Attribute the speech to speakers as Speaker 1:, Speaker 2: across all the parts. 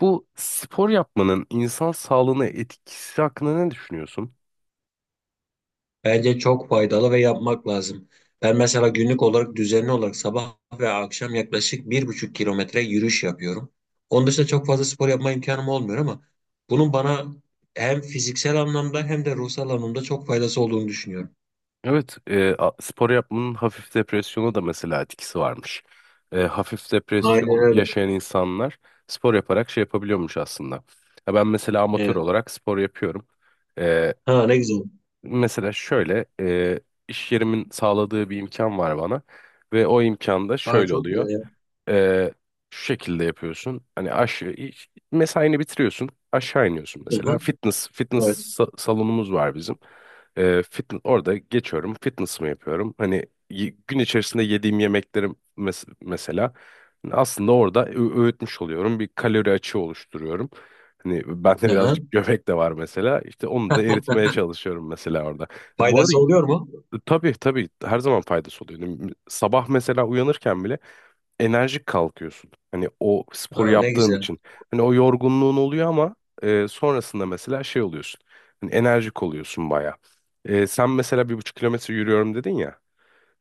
Speaker 1: Bu spor yapmanın insan sağlığına etkisi hakkında ne düşünüyorsun?
Speaker 2: Bence çok faydalı ve yapmak lazım. Ben mesela günlük olarak düzenli olarak sabah ve akşam yaklaşık 1,5 kilometre yürüyüş yapıyorum. Onun dışında çok fazla spor yapma imkanım olmuyor ama bunun bana hem fiziksel anlamda hem de ruhsal anlamda çok faydası olduğunu düşünüyorum.
Speaker 1: Evet, spor yapmanın hafif depresyona da mesela etkisi varmış. Hafif
Speaker 2: Aynen
Speaker 1: depresyon
Speaker 2: öyle.
Speaker 1: yaşayan insanlar spor yaparak şey yapabiliyormuş aslında. Ya ben mesela amatör
Speaker 2: Evet.
Speaker 1: olarak spor yapıyorum. E,
Speaker 2: Ha, ne güzel.
Speaker 1: Mesela şöyle, iş yerimin sağladığı bir imkan var bana ve o imkan da
Speaker 2: Ha,
Speaker 1: şöyle
Speaker 2: çok
Speaker 1: oluyor.
Speaker 2: güzel ya.
Speaker 1: Ee, Şu şekilde yapıyorsun. Hani aşağı mesaini bitiriyorsun. Aşağı iniyorsun mesela.
Speaker 2: Hı-hı. Evet.
Speaker 1: Salonumuz var bizim. Fitness orada geçiyorum. Fitness'ımı yapıyorum. Hani gün içerisinde yediğim yemeklerim mesela hani aslında orada öğütmüş oluyorum. Bir kalori açığı oluşturuyorum. Hani bende
Speaker 2: Hı-hı.
Speaker 1: birazcık göbek de var mesela. İşte onu da eritmeye çalışıyorum mesela orada. Bu arada
Speaker 2: Faydası oluyor mu?
Speaker 1: tabii tabii her zaman faydası oluyor. Hani sabah mesela uyanırken bile enerjik kalkıyorsun. Hani o sporu
Speaker 2: Ha, ne
Speaker 1: yaptığın
Speaker 2: güzel.
Speaker 1: için. Hani o yorgunluğun oluyor ama sonrasında mesela şey oluyorsun. Hani enerjik oluyorsun baya. Sen mesela 1,5 km yürüyorum dedin ya.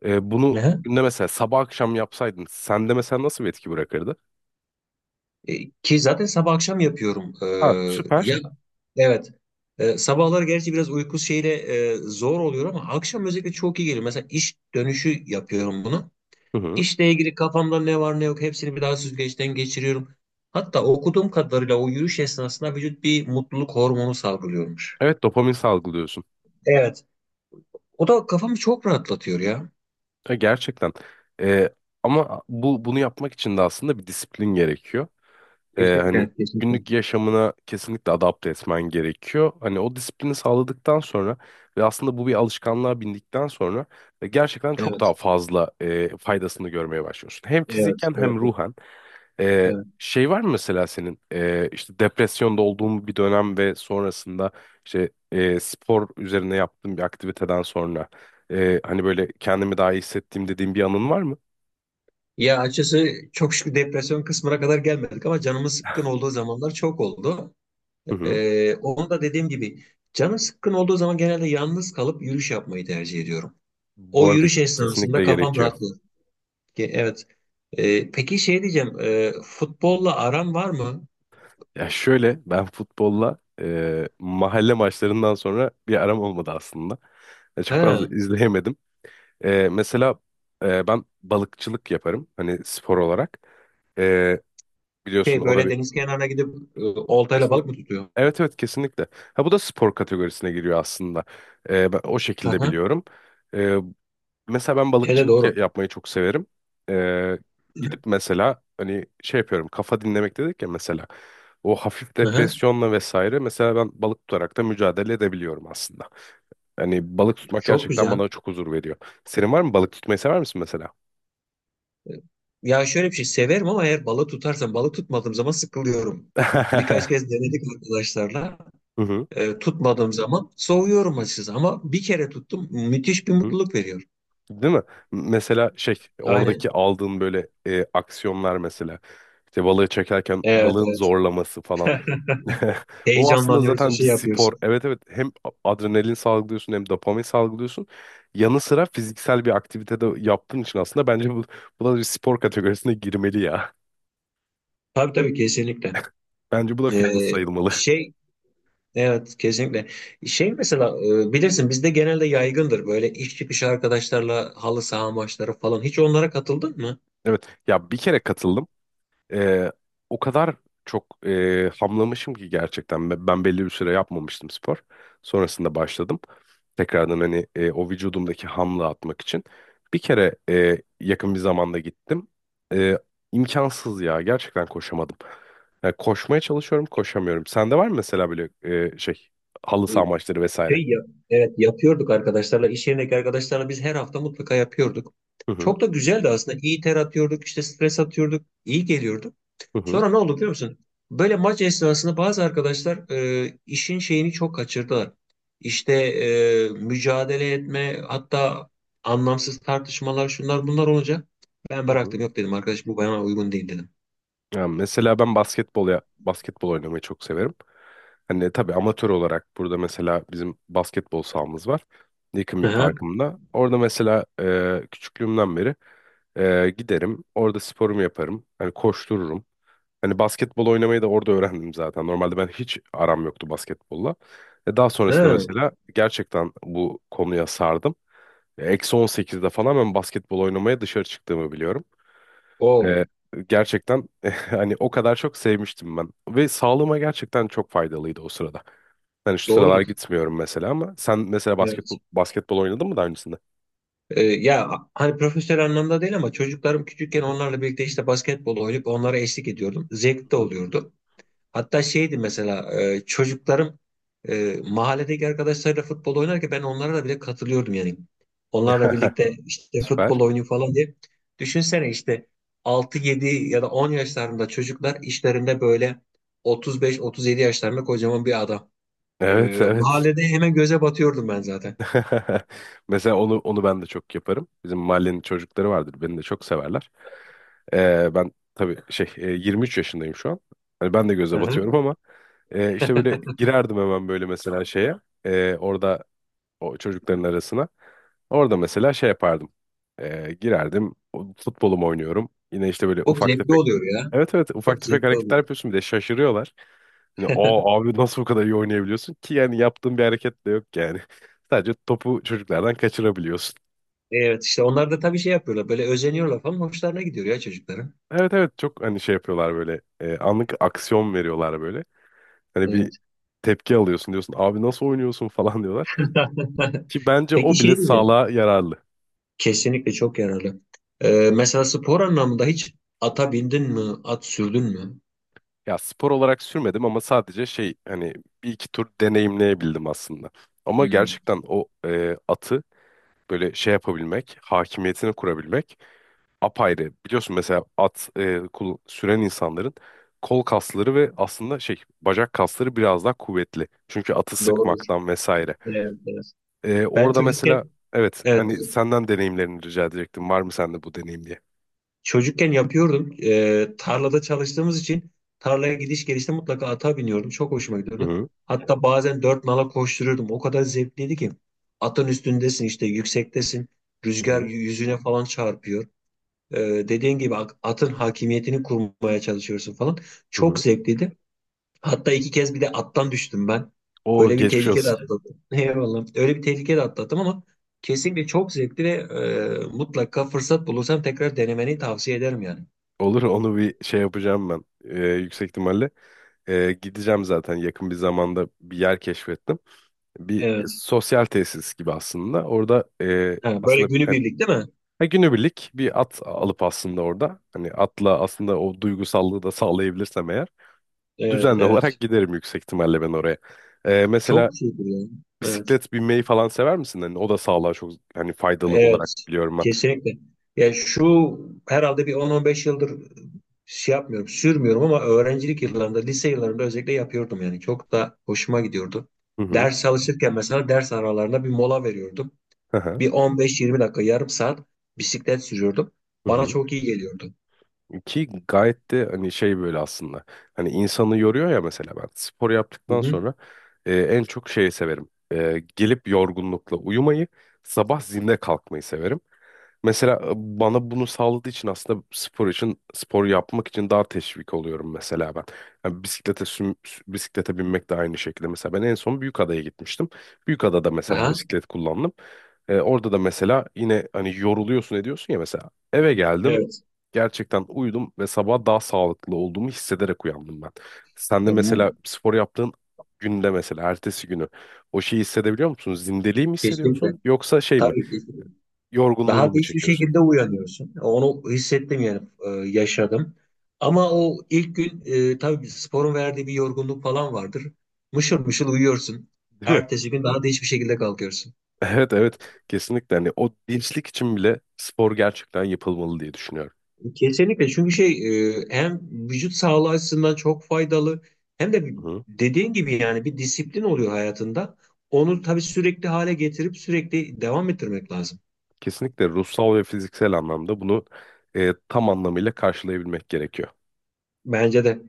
Speaker 1: Bunu
Speaker 2: Hı-hı.
Speaker 1: günde mesela sabah akşam yapsaydın sende mesela nasıl bir etki bırakırdı?
Speaker 2: Ki zaten sabah akşam yapıyorum.
Speaker 1: Ha,
Speaker 2: Ya.
Speaker 1: süper.
Speaker 2: Evet. Sabahlar gerçi biraz uyku şeyle zor oluyor ama akşam özellikle çok iyi geliyor. Mesela iş dönüşü yapıyorum bunu.
Speaker 1: Hı hı.
Speaker 2: İşle ilgili kafamda ne var ne yok hepsini bir daha süzgeçten geçiriyorum. Hatta okuduğum kadarıyla o yürüyüş esnasında vücut bir mutluluk hormonu salgılıyormuş.
Speaker 1: Evet, dopamin salgılıyorsun.
Speaker 2: Evet. O da kafamı çok rahatlatıyor ya.
Speaker 1: Gerçekten. E, Ama bunu yapmak için de aslında bir disiplin gerekiyor. Hani
Speaker 2: Kesinlikle, kesinlikle.
Speaker 1: günlük yaşamına kesinlikle adapte etmen gerekiyor. Hani o disiplini sağladıktan sonra ve aslında bu bir alışkanlığa bindikten sonra gerçekten çok
Speaker 2: Evet,
Speaker 1: daha fazla faydasını görmeye başlıyorsun. Hem
Speaker 2: evet,
Speaker 1: fiziken hem
Speaker 2: evet,
Speaker 1: ruhen.
Speaker 2: evet.
Speaker 1: Şey var mı mesela senin işte depresyonda olduğun bir dönem ve sonrasında işte spor üzerine yaptığın bir aktiviteden sonra hani böyle kendimi daha iyi hissettiğim dediğin bir anın var mı?
Speaker 2: Ya, açıkçası çok şükür depresyon kısmına kadar gelmedik ama canımız sıkkın olduğu zamanlar çok oldu.
Speaker 1: Hı hı.
Speaker 2: Onu da dediğim gibi canım sıkkın olduğu zaman genelde yalnız kalıp yürüyüş yapmayı tercih ediyorum. O
Speaker 1: Bu arada
Speaker 2: yürüyüş esnasında
Speaker 1: kesinlikle
Speaker 2: kafam
Speaker 1: gerekiyor.
Speaker 2: rahatlıyor. Evet. Peki şey diyeceğim, futbolla aran var mı?
Speaker 1: Ya şöyle ben futbolla mahalle maçlarından sonra bir aram olmadı aslında. Çok fazla
Speaker 2: Ha,
Speaker 1: izleyemedim. Mesela ben balıkçılık yaparım hani spor olarak. E, Biliyorsun
Speaker 2: şey
Speaker 1: o da
Speaker 2: böyle
Speaker 1: bir
Speaker 2: deniz kenarına gidip oltayla balık
Speaker 1: kesinlikle.
Speaker 2: mı tutuyor?
Speaker 1: Evet evet kesinlikle. Ha, bu da spor kategorisine giriyor aslında. Ben o şekilde
Speaker 2: Aha,
Speaker 1: biliyorum. E, Mesela ben
Speaker 2: hele
Speaker 1: balıkçılık
Speaker 2: doğru.
Speaker 1: yapmayı çok severim. Ee, Gidip mesela hani şey yapıyorum, kafa dinlemek dedik ya, mesela o hafif
Speaker 2: Aha,
Speaker 1: depresyonla vesaire mesela ben balık tutarak da mücadele edebiliyorum aslında. Hani balık tutmak
Speaker 2: çok
Speaker 1: gerçekten
Speaker 2: güzel.
Speaker 1: bana çok huzur veriyor. Senin var mı, balık tutmayı sever misin mesela?
Speaker 2: Ya şöyle, bir şey severim ama eğer balık tutarsam balık tutmadığım zaman sıkılıyorum. Birkaç kez denedik arkadaşlarla.
Speaker 1: Hı hı.
Speaker 2: Tutmadığım zaman soğuyorum açıkçası ama bir kere tuttum, müthiş bir
Speaker 1: Hı.
Speaker 2: mutluluk veriyor.
Speaker 1: Değil mi? Mesela şey, oradaki
Speaker 2: Aynen.
Speaker 1: aldığın böyle aksiyonlar mesela, işte balığı çekerken
Speaker 2: Evet,
Speaker 1: balığın
Speaker 2: evet.
Speaker 1: zorlaması falan. O aslında
Speaker 2: Heyecanlanıyoruz da
Speaker 1: zaten bir
Speaker 2: şey
Speaker 1: spor.
Speaker 2: yapıyorsun.
Speaker 1: Evet evet, hem adrenalin salgılıyorsun hem dopamin salgılıyorsun. Yanı sıra fiziksel bir aktivite de yaptığın için aslında bence bu, bu da bir spor kategorisine girmeli ya.
Speaker 2: Tabii, tabii, kesinlikle.
Speaker 1: Bence bu da fitness
Speaker 2: E,
Speaker 1: sayılmalı.
Speaker 2: şey evet, kesinlikle. Şey mesela, bilirsin bizde genelde yaygındır böyle iş çıkışı arkadaşlarla halı saha maçları falan. Hiç onlara katıldın mı?
Speaker 1: Evet ya, bir kere katıldım. Ee, O kadar çok hamlamışım ki gerçekten. Ben belli bir süre yapmamıştım spor. Sonrasında başladım. Tekrardan, hani o vücudumdaki hamla atmak için. Bir kere yakın bir zamanda gittim. E, imkansız ya. Gerçekten koşamadım. Yani koşmaya çalışıyorum, koşamıyorum. Sende var mı mesela böyle şey, halı
Speaker 2: E,
Speaker 1: saha maçları vesaire?
Speaker 2: Şey ya, evet yapıyorduk arkadaşlarla, iş yerindeki arkadaşlarla biz her hafta mutlaka yapıyorduk.
Speaker 1: Hı hı.
Speaker 2: Çok da güzeldi aslında. İyi ter atıyorduk, işte stres atıyorduk, iyi geliyordu.
Speaker 1: Hı hı.
Speaker 2: Sonra ne oldu biliyor musun? Böyle maç esnasında bazı arkadaşlar işin şeyini çok kaçırdılar. İşte mücadele etme, hatta anlamsız tartışmalar, şunlar bunlar olunca ben
Speaker 1: Hı hı.
Speaker 2: bıraktım, yok dedim arkadaş, bu bana uygun değil dedim.
Speaker 1: Yani mesela ben basketbol, ya basketbol oynamayı çok severim. Hani tabii amatör olarak, burada mesela bizim basketbol sahamız var. Yakın
Speaker 2: Hı
Speaker 1: bir
Speaker 2: hı.
Speaker 1: parkımda. Orada mesela küçüklüğümden beri giderim. Orada sporumu yaparım. Hani koştururum. Hani basketbol oynamayı da orada öğrendim zaten. Normalde ben hiç aram yoktu basketbolla. Daha sonrasında mesela gerçekten bu konuya sardım. Eksi 18'de falan ben basketbol oynamaya dışarı çıktığımı biliyorum.
Speaker 2: O
Speaker 1: E, Gerçekten hani o kadar çok sevmiştim ben. Ve sağlığıma gerçekten çok faydalıydı o sırada. Ben şu sıralar
Speaker 2: doğrudur.
Speaker 1: gitmiyorum mesela, ama sen mesela
Speaker 2: Evet.
Speaker 1: basketbol oynadın mı daha öncesinde?
Speaker 2: Ya, hani profesyonel anlamda değil ama çocuklarım
Speaker 1: Hı
Speaker 2: küçükken
Speaker 1: hı,
Speaker 2: onlarla birlikte işte basketbol oynayıp onlara eşlik ediyordum.
Speaker 1: hı
Speaker 2: Zevkli de
Speaker 1: hı.
Speaker 2: oluyordu. Hatta şeydi mesela, çocuklarım mahalledeki arkadaşlarıyla futbol oynarken ben onlara da bile katılıyordum yani. Onlarla birlikte işte futbol
Speaker 1: Süper.
Speaker 2: oynuyor falan diye. Düşünsene işte 6-7 ya da 10 yaşlarında çocuklar, işlerinde böyle 35-37 yaşlarında kocaman bir adam. E,
Speaker 1: Evet, evet.
Speaker 2: Mahallede hemen göze batıyordum ben zaten.
Speaker 1: Mesela onu ben de çok yaparım. Bizim mahallenin çocukları vardır. Beni de çok severler. Ben tabii şey, 23 yaşındayım şu an. Hani ben de göze
Speaker 2: Hı hı.
Speaker 1: batıyorum, ama işte böyle girerdim hemen böyle mesela şeye. Orada, o çocukların arasına. Orada mesela şey yapardım. Girerdim. Futbolumu oynuyorum. Yine işte böyle
Speaker 2: Çok
Speaker 1: ufak.
Speaker 2: zevkli oluyor ya.
Speaker 1: Evet evet, ufak
Speaker 2: Çok
Speaker 1: tefek
Speaker 2: zevkli
Speaker 1: hareketler
Speaker 2: oluyor.
Speaker 1: yapıyorsun bir de şaşırıyorlar. Hani o, abi nasıl bu kadar iyi oynayabiliyorsun ki, yani yaptığın bir hareket de yok yani. Sadece topu çocuklardan kaçırabiliyorsun.
Speaker 2: Evet, işte onlar da tabii şey yapıyorlar, böyle özeniyorlar falan, hoşlarına gidiyor ya çocukların.
Speaker 1: Evet evet, çok hani şey yapıyorlar böyle, anlık aksiyon veriyorlar böyle. Hani bir
Speaker 2: Evet.
Speaker 1: tepki alıyorsun, diyorsun abi nasıl oynuyorsun falan diyorlar. Ki bence
Speaker 2: Peki
Speaker 1: o bile
Speaker 2: şey diyeceğim.
Speaker 1: sağlığa yararlı.
Speaker 2: Kesinlikle çok yararlı. Mesela spor anlamında hiç ata bindin mi, at sürdün mü?
Speaker 1: Ya spor olarak sürmedim ama sadece şey, hani bir iki tur deneyimleyebildim aslında. Ama
Speaker 2: Hmm,
Speaker 1: gerçekten o atı böyle şey yapabilmek, hakimiyetini kurabilmek apayrı. Biliyorsun mesela at süren insanların kol kasları ve aslında şey, bacak kasları biraz daha kuvvetli. Çünkü atı
Speaker 2: doğrudur.
Speaker 1: sıkmaktan vesaire.
Speaker 2: Evet, evet. Ben
Speaker 1: Orada
Speaker 2: çocukken
Speaker 1: mesela evet,
Speaker 2: evet,
Speaker 1: hani senden deneyimlerini rica edecektim. Var mı sende bu deneyim diye?
Speaker 2: çocukken yapıyordum. Tarlada çalıştığımız için tarlaya gidiş gelişte mutlaka ata biniyordum. Çok hoşuma
Speaker 1: Hı
Speaker 2: gidiyordu.
Speaker 1: hı,
Speaker 2: Hatta bazen dört nala koşturuyordum. O kadar zevkliydi ki. Atın üstündesin, işte yüksektesin.
Speaker 1: hı
Speaker 2: Rüzgar
Speaker 1: hı.
Speaker 2: yüzüne falan çarpıyor. Ee, Dediğin gibi atın hakimiyetini kurmaya çalışıyorsun falan.
Speaker 1: Hı
Speaker 2: Çok
Speaker 1: hı.
Speaker 2: zevkliydi. Hatta 2 kez bir de attan düştüm ben.
Speaker 1: O
Speaker 2: Öyle bir
Speaker 1: geçmiş
Speaker 2: tehlike de
Speaker 1: olsun.
Speaker 2: atlattım. Eyvallah. Öyle bir tehlike de atlattım ama kesinlikle çok zevkli ve mutlaka fırsat bulursam tekrar denemeni tavsiye ederim yani.
Speaker 1: Olur, onu bir şey yapacağım ben. Yüksek ihtimalle gideceğim zaten, yakın bir zamanda bir yer keşfettim. Bir
Speaker 2: Evet.
Speaker 1: sosyal tesis gibi aslında. Orada
Speaker 2: Ha, böyle
Speaker 1: aslında.
Speaker 2: günübirlik değil mi?
Speaker 1: Ha, günübirlik bir at alıp aslında orada, hani atla aslında o duygusallığı da sağlayabilirsem eğer,
Speaker 2: Evet,
Speaker 1: düzenli olarak
Speaker 2: evet.
Speaker 1: giderim yüksek ihtimalle ben oraya. Mesela
Speaker 2: Çok şeydir yani. Evet.
Speaker 1: bisiklet binmeyi falan sever misin? Hani o da sağlığa çok, hani faydalı olarak
Speaker 2: Evet.
Speaker 1: biliyorum ben.
Speaker 2: Kesinlikle. Ya şu, herhalde bir 10-15 yıldır şey yapmıyorum, sürmüyorum ama öğrencilik
Speaker 1: Hı
Speaker 2: yıllarında, lise yıllarında özellikle yapıyordum yani. Çok da hoşuma gidiyordu.
Speaker 1: hı.
Speaker 2: Ders çalışırken mesela ders aralarında bir mola veriyordum.
Speaker 1: Hı hı.
Speaker 2: Bir 15-20 dakika, yarım saat bisiklet sürüyordum.
Speaker 1: Hı
Speaker 2: Bana
Speaker 1: hı.
Speaker 2: çok iyi geliyordu.
Speaker 1: Ki gayet de hani şey böyle aslında. Hani insanı yoruyor ya, mesela ben spor
Speaker 2: Hı
Speaker 1: yaptıktan
Speaker 2: hı.
Speaker 1: sonra en çok şeyi severim. Gelip yorgunlukla uyumayı, sabah zinde kalkmayı severim. Mesela bana bunu sağladığı için aslında spor için, spor yapmak için daha teşvik oluyorum mesela ben. Yani bisiklete binmek de aynı şekilde. Mesela ben en son Büyükada'ya gitmiştim. Büyükada'da mesela
Speaker 2: Aha,
Speaker 1: bisiklet kullandım. Orada da mesela yine hani yoruluyorsun ediyorsun ya, mesela eve geldim,
Speaker 2: evet.
Speaker 1: gerçekten uyudum ve sabah daha sağlıklı olduğumu hissederek uyandım ben. Sen de
Speaker 2: Ya bu
Speaker 1: mesela spor yaptığın günde mesela ertesi günü o şeyi hissedebiliyor musun? Zindeliği mi
Speaker 2: kesinlikle.
Speaker 1: hissediyorsun yoksa şey mi,
Speaker 2: Tabii, kesinlikle. Daha
Speaker 1: yorgunluğunu
Speaker 2: da
Speaker 1: mu
Speaker 2: hiçbir
Speaker 1: çekiyorsun?
Speaker 2: şekilde uyanıyorsun. Onu hissettim yani, yaşadım. Ama o ilk gün tabii sporun verdiği bir yorgunluk falan vardır. Mışıl mışıl uyuyorsun.
Speaker 1: Değil mi?
Speaker 2: Ertesi gün daha da hiçbir şekilde kalkıyorsun.
Speaker 1: Evet evet, kesinlikle hani o dinçlik için bile spor gerçekten yapılmalı diye düşünüyorum.
Speaker 2: Kesinlikle, çünkü şey, hem vücut sağlığı açısından çok faydalı hem de
Speaker 1: Hı.
Speaker 2: dediğin gibi yani, bir disiplin oluyor hayatında. Onu tabii sürekli hale getirip sürekli devam ettirmek lazım.
Speaker 1: Kesinlikle ruhsal ve fiziksel anlamda bunu tam anlamıyla karşılayabilmek gerekiyor.
Speaker 2: Bence de.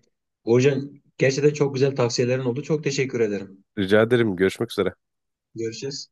Speaker 2: Burcu, gerçekten çok güzel tavsiyelerin oldu. Çok teşekkür ederim.
Speaker 1: Rica ederim, görüşmek üzere.
Speaker 2: Görüşürüz.